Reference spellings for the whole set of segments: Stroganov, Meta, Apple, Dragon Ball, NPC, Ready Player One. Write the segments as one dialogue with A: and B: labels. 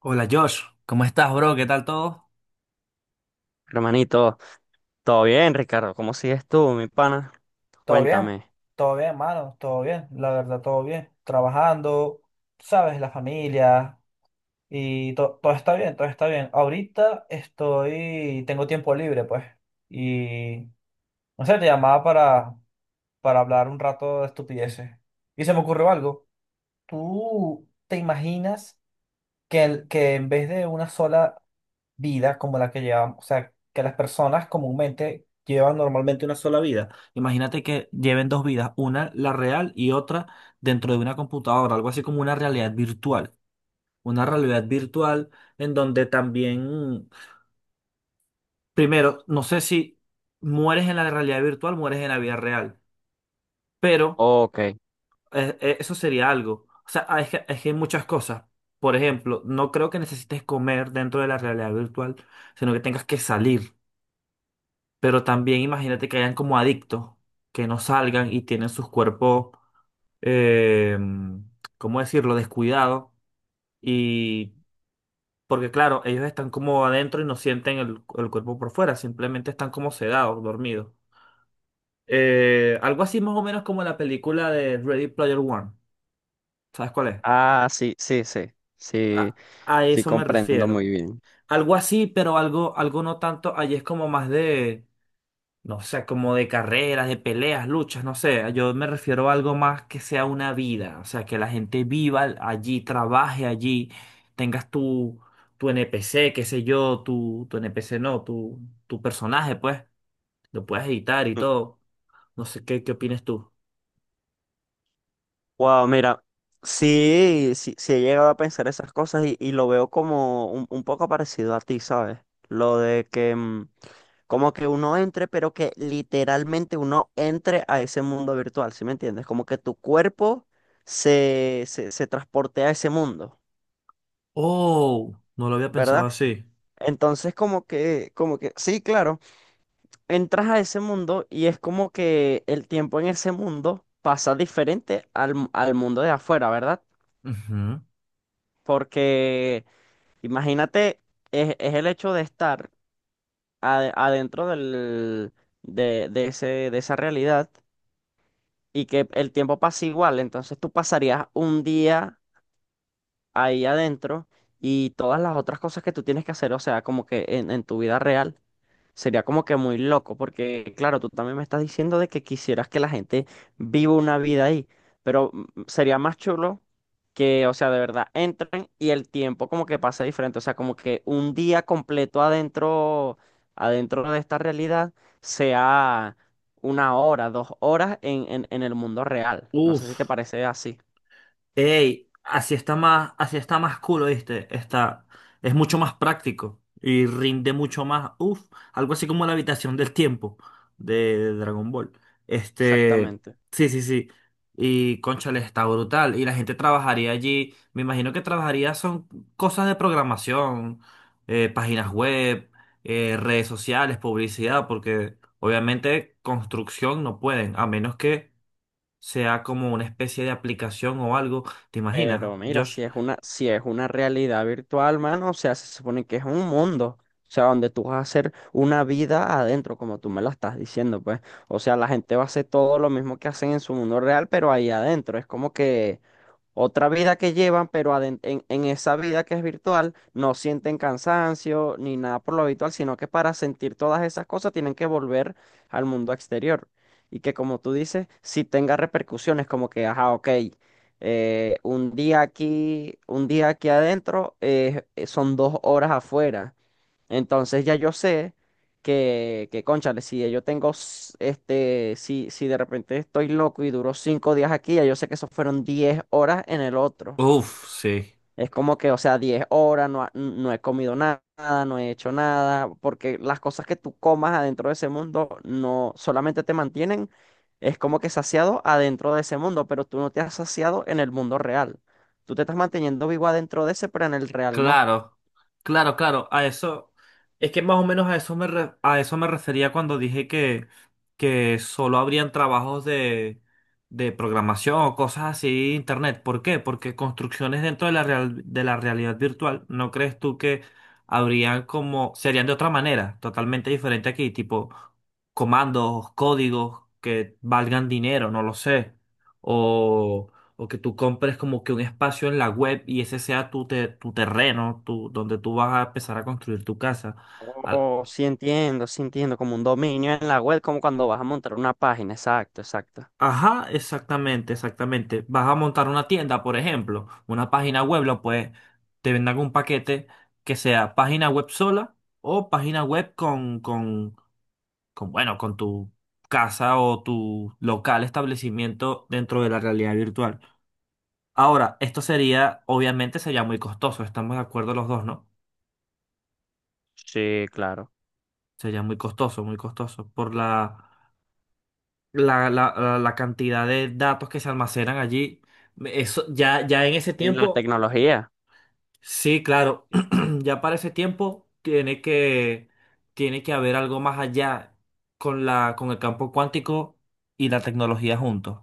A: Hola Josh, ¿cómo estás, bro? ¿Qué tal todo?
B: Hermanito, ¿todo bien, Ricardo? ¿Cómo sigues tú, mi pana?
A: Todo bien,
B: Cuéntame.
A: todo bien, mano, todo bien, la verdad, todo bien. Trabajando, tú sabes, la familia y todo está bien, todo está bien. Ahorita estoy, tengo tiempo libre, pues, y no sé, te llamaba para hablar un rato de estupideces. Y se me ocurrió algo. ¿Tú te imaginas? Que, que en vez de una sola vida como la que llevamos, o sea, que las personas comúnmente llevan normalmente una sola vida. Imagínate que lleven dos vidas, una la real y otra dentro de una computadora, algo así como una realidad virtual. Una realidad virtual en donde también, primero, no sé si mueres en la realidad virtual, mueres en la vida real, pero...
B: Ok.
A: eh, eh, eso sería algo. O sea, ah, es que hay muchas cosas. Por ejemplo, no creo que necesites comer dentro de la realidad virtual, sino que tengas que salir. Pero también imagínate que hayan como adictos, que no salgan y tienen sus cuerpos, eh, ¿cómo decirlo?, descuidados. Y porque claro, ellos están como adentro y no sienten el cuerpo por fuera, simplemente están como sedados, dormidos. Algo así más o menos como la película de Ready Player One. ¿Sabes cuál es?
B: Ah, sí, sí, sí. Sí,
A: A
B: sí,
A: eso me
B: comprendo
A: refiero.
B: muy bien.
A: Algo así, pero algo, algo no tanto. Allí es como más de, no sé, como de carreras, de peleas, luchas, no sé. Yo me refiero a algo más que sea una vida. O sea, que la gente viva allí, trabaje allí, tengas tu, tu NPC, qué sé yo, tu NPC no, tu personaje, pues. Lo puedes editar y todo. No sé, ¿qué opinas tú?
B: Wow, mira, sí, sí, sí he llegado a pensar esas cosas y lo veo como un poco parecido a ti, ¿sabes? Lo de que como que uno entre, pero que literalmente uno entre a ese mundo virtual, ¿sí me entiendes? Como que tu cuerpo se transporte a ese mundo,
A: Oh, no lo había pensado
B: ¿verdad?
A: así.
B: Entonces como que, sí, claro, entras a ese mundo y es como que el tiempo en ese mundo pasa diferente al mundo de afuera, ¿verdad?
A: Ujú.
B: Porque imagínate, es el hecho de estar adentro del, de ese, de esa realidad y que el tiempo pasa igual, entonces tú pasarías un día ahí adentro y todas las otras cosas que tú tienes que hacer, o sea, como que en tu vida real. Sería como que muy loco, porque claro, tú también me estás diciendo de que quisieras que la gente viva una vida ahí, pero sería más chulo que, o sea, de verdad entren y el tiempo como que pasa diferente, o sea, como que un día completo adentro, adentro de esta realidad sea una hora, 2 horas en el mundo real. No sé si te
A: Uf.
B: parece así,
A: Ey, así está más cool, ¿viste? Está, es mucho más práctico y rinde mucho más. Uf, algo así como la habitación del tiempo de Dragon Ball. Este,
B: exactamente.
A: sí, sí, sí. Y cónchale, está brutal. Y la gente trabajaría allí. Me imagino que trabajaría son cosas de programación, páginas web, redes sociales, publicidad, porque obviamente construcción no pueden, a menos que sea como una especie de aplicación o algo. ¿Te imaginas,
B: Pero mira,
A: Josh?
B: si es una realidad virtual, mano, o sea, se supone que es un mundo, o sea, donde tú vas a hacer una vida adentro, como tú me lo estás diciendo, pues. O sea, la gente va a hacer todo lo mismo que hacen en su mundo real, pero ahí adentro. Es como que otra vida que llevan, pero en esa vida que es virtual no sienten cansancio ni nada por lo habitual, sino que para sentir todas esas cosas tienen que volver al mundo exterior. Y que como tú dices, si tenga repercusiones, como que, ajá, ok, un día aquí adentro son 2 horas afuera. Entonces ya yo sé que cónchale, si yo tengo, este, si de repente estoy loco y duró 5 días aquí, ya yo sé que eso fueron 10 horas en el otro.
A: Uf, sí.
B: Es como que, o sea, 10 horas, no, ha- no he comido nada, no he hecho nada, porque las cosas que tú comas adentro de ese mundo no solamente te mantienen, es como que saciado adentro de ese mundo, pero tú no te has saciado en el mundo real. Tú te estás manteniendo vivo adentro de ese, pero en el real no.
A: Claro, claro, claro. Es que más o menos a eso a eso me refería cuando dije que solo habrían trabajos de programación o cosas así de internet. ¿Por qué? Porque construcciones dentro de de la realidad virtual, ¿no crees tú que habrían como, serían de otra manera, totalmente diferente aquí, tipo comandos, códigos que valgan dinero, no lo sé o que tú compres como que un espacio en la web y ese sea tu terreno, tu, donde tú vas a empezar a construir tu casa. Al-
B: Oh, sí entiendo, como un dominio en la web, como cuando vas a montar una página, exacto, exacto.
A: Ajá, exactamente, exactamente. Vas a montar una tienda, por ejemplo, una página web, lo puedes, te vendan un paquete que sea página web sola o página web con bueno, con tu casa o tu local establecimiento dentro de la realidad virtual. Ahora, esto sería, obviamente sería muy costoso, estamos de acuerdo los dos, ¿no?
B: Sí, claro.
A: Sería muy costoso, muy costoso. Por la cantidad de datos que se almacenan allí. Eso, ya en ese
B: Y la
A: tiempo,
B: tecnología.
A: sí, claro. Ya para ese tiempo tiene que haber algo más allá con con el campo cuántico y la tecnología juntos.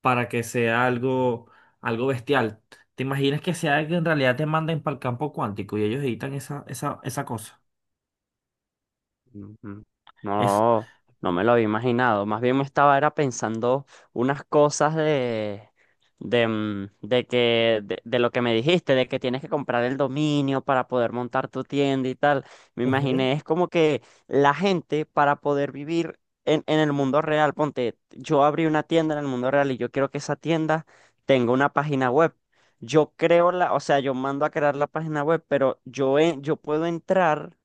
A: Para que sea algo, algo bestial. ¿Te imaginas que sea que en realidad te manden para el campo cuántico y ellos editan esa cosa?
B: Ujú.
A: Es,
B: No, no me lo había imaginado. Más bien me estaba era pensando unas cosas de lo que me dijiste, de que tienes que comprar el dominio para poder montar tu tienda y tal. Me
A: ujú.
B: imaginé, es como que la gente para poder vivir en el mundo real, ponte, yo abrí una tienda en el mundo real y yo quiero que esa tienda tenga una página web. Yo creo la, o sea, yo mando a crear la página web, pero yo puedo entrar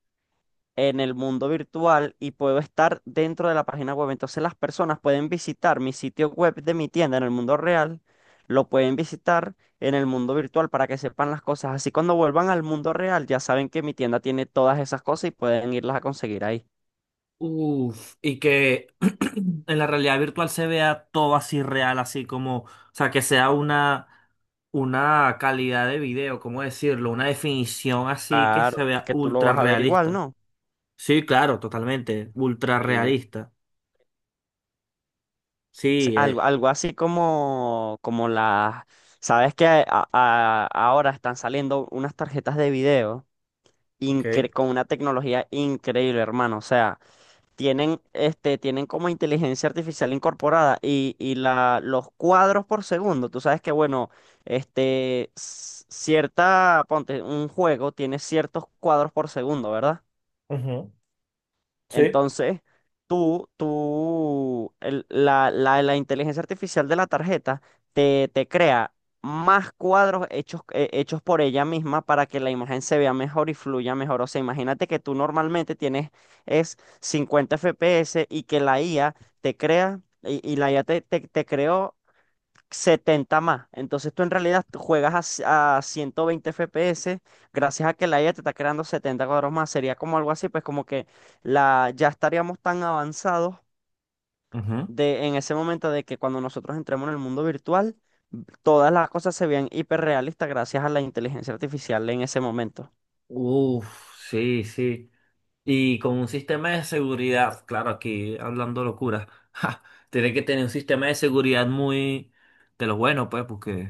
B: en el mundo virtual y puedo estar dentro de la página web. Entonces las personas pueden visitar mi sitio web de mi tienda en el mundo real, lo pueden visitar en el mundo virtual para que sepan las cosas. Así cuando vuelvan al mundo real ya saben que mi tienda tiene todas esas cosas y pueden irlas a conseguir ahí.
A: Uf, y que en la realidad virtual se vea todo así real, así como, o sea, que sea una calidad de video, ¿cómo decirlo? Una definición así que
B: Claro,
A: se
B: es
A: vea
B: que tú lo
A: ultra
B: vas a ver igual,
A: realista.
B: ¿no?
A: Sí, claro, totalmente, ultra
B: Sí.
A: realista.
B: s-
A: Sí,
B: Algo, algo así como, las... ¿Sabes que ahora están saliendo unas tarjetas de video
A: ok.
B: con una tecnología increíble, hermano? O sea, tienen como inteligencia artificial incorporada y los cuadros por segundo, tú sabes que, bueno, este, ponte, un juego tiene ciertos cuadros por segundo, ¿verdad?
A: Ujú, sí.
B: Entonces, tú, la inteligencia artificial de la tarjeta te crea más cuadros hechos por ella misma para que la imagen se vea mejor y fluya mejor. O sea, imagínate que tú normalmente tienes es 50 FPS y que la IA te crea, y la IA te creó 70 más. Entonces tú en realidad tú juegas a 120 FPS gracias a que la IA te está creando 70 cuadros más. Sería como algo así, pues ya estaríamos tan avanzados
A: Ujú.
B: en ese momento de que cuando nosotros entremos en el mundo virtual, todas las cosas se vean hiperrealistas gracias a la inteligencia artificial en ese momento.
A: Uf, sí, sí. Y con un sistema de seguridad, claro, aquí hablando locura, ja, tiene que tener un sistema de seguridad muy de los buenos, pues, porque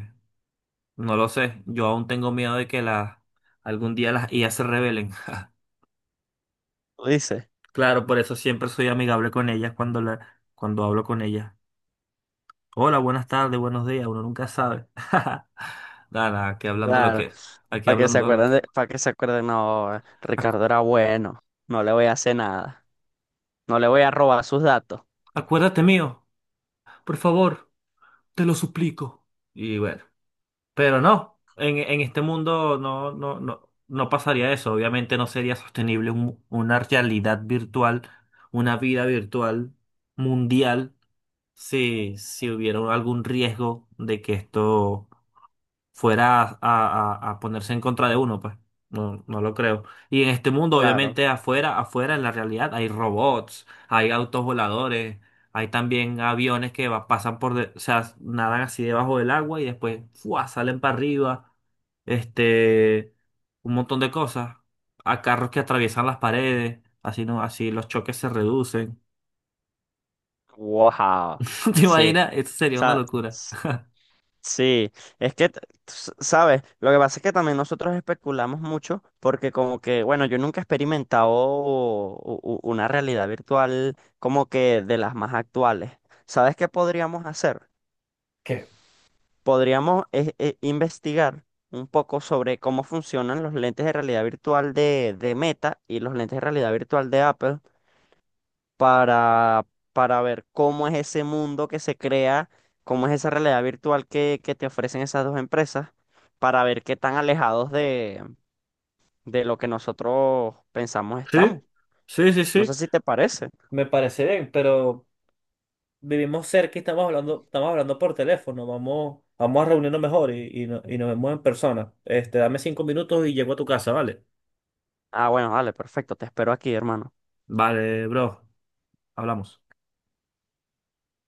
A: no lo sé. Yo aún tengo miedo de que las algún día las IA se rebelen. ja.
B: ¿Lo dices?
A: Claro, por eso siempre soy amigable con ellas cuando cuando hablo con ellas. Hola, buenas tardes, buenos días, uno nunca sabe. Nada, nada,
B: Claro.
A: aquí
B: Para que se
A: hablando lo
B: acuerden
A: que.
B: de, para que se acuerden, no, Ricardo
A: Acu-
B: era bueno, no le voy a hacer nada, no le voy a robar sus datos.
A: Acuérdate mío, por favor, te lo suplico. Y bueno. Pero no, en este mundo no, no pasaría eso. Obviamente no sería sostenible una realidad virtual, una vida virtual mundial, si hubiera algún riesgo de que esto fuera a ponerse en contra de uno, pues. No, no lo creo. Y en este mundo,
B: Claro.
A: obviamente, afuera, en la realidad, hay robots, hay autos voladores, hay también aviones pasan o sea, nadan así debajo del agua y después, ¡fua! Salen para arriba, este, un montón de cosas. A carros que atraviesan las paredes, así no, así los choques se reducen.
B: Wow,
A: ¿Te
B: sí,
A: imaginas? Eso sería una
B: sa-
A: locura.
B: s- sí, es que, ¿sabes? Lo que pasa es que también nosotros especulamos mucho porque como que, bueno, yo nunca he experimentado una realidad virtual como que de las más actuales. ¿Sabes qué podríamos hacer?
A: ¿Qué?
B: Podríamos investigar un poco sobre cómo funcionan los lentes de realidad virtual de Meta y los lentes de realidad virtual de Apple para, para ver cómo es ese mundo que se crea, cómo es esa realidad virtual que te ofrecen esas dos empresas, para ver qué tan alejados de lo que nosotros pensamos
A: Sí,
B: estamos.
A: sí, sí,
B: No sé
A: sí.
B: si te parece.
A: Me parece bien, pero vivimos cerca y estamos hablando por teléfono, vamos, vamos a reunirnos mejor y y nos vemos en persona. Este, dame 5 minutos y llego a tu casa, ¿vale?
B: Ah, bueno, vale, perfecto, te espero aquí, hermano.
A: Vale, bro, hablamos.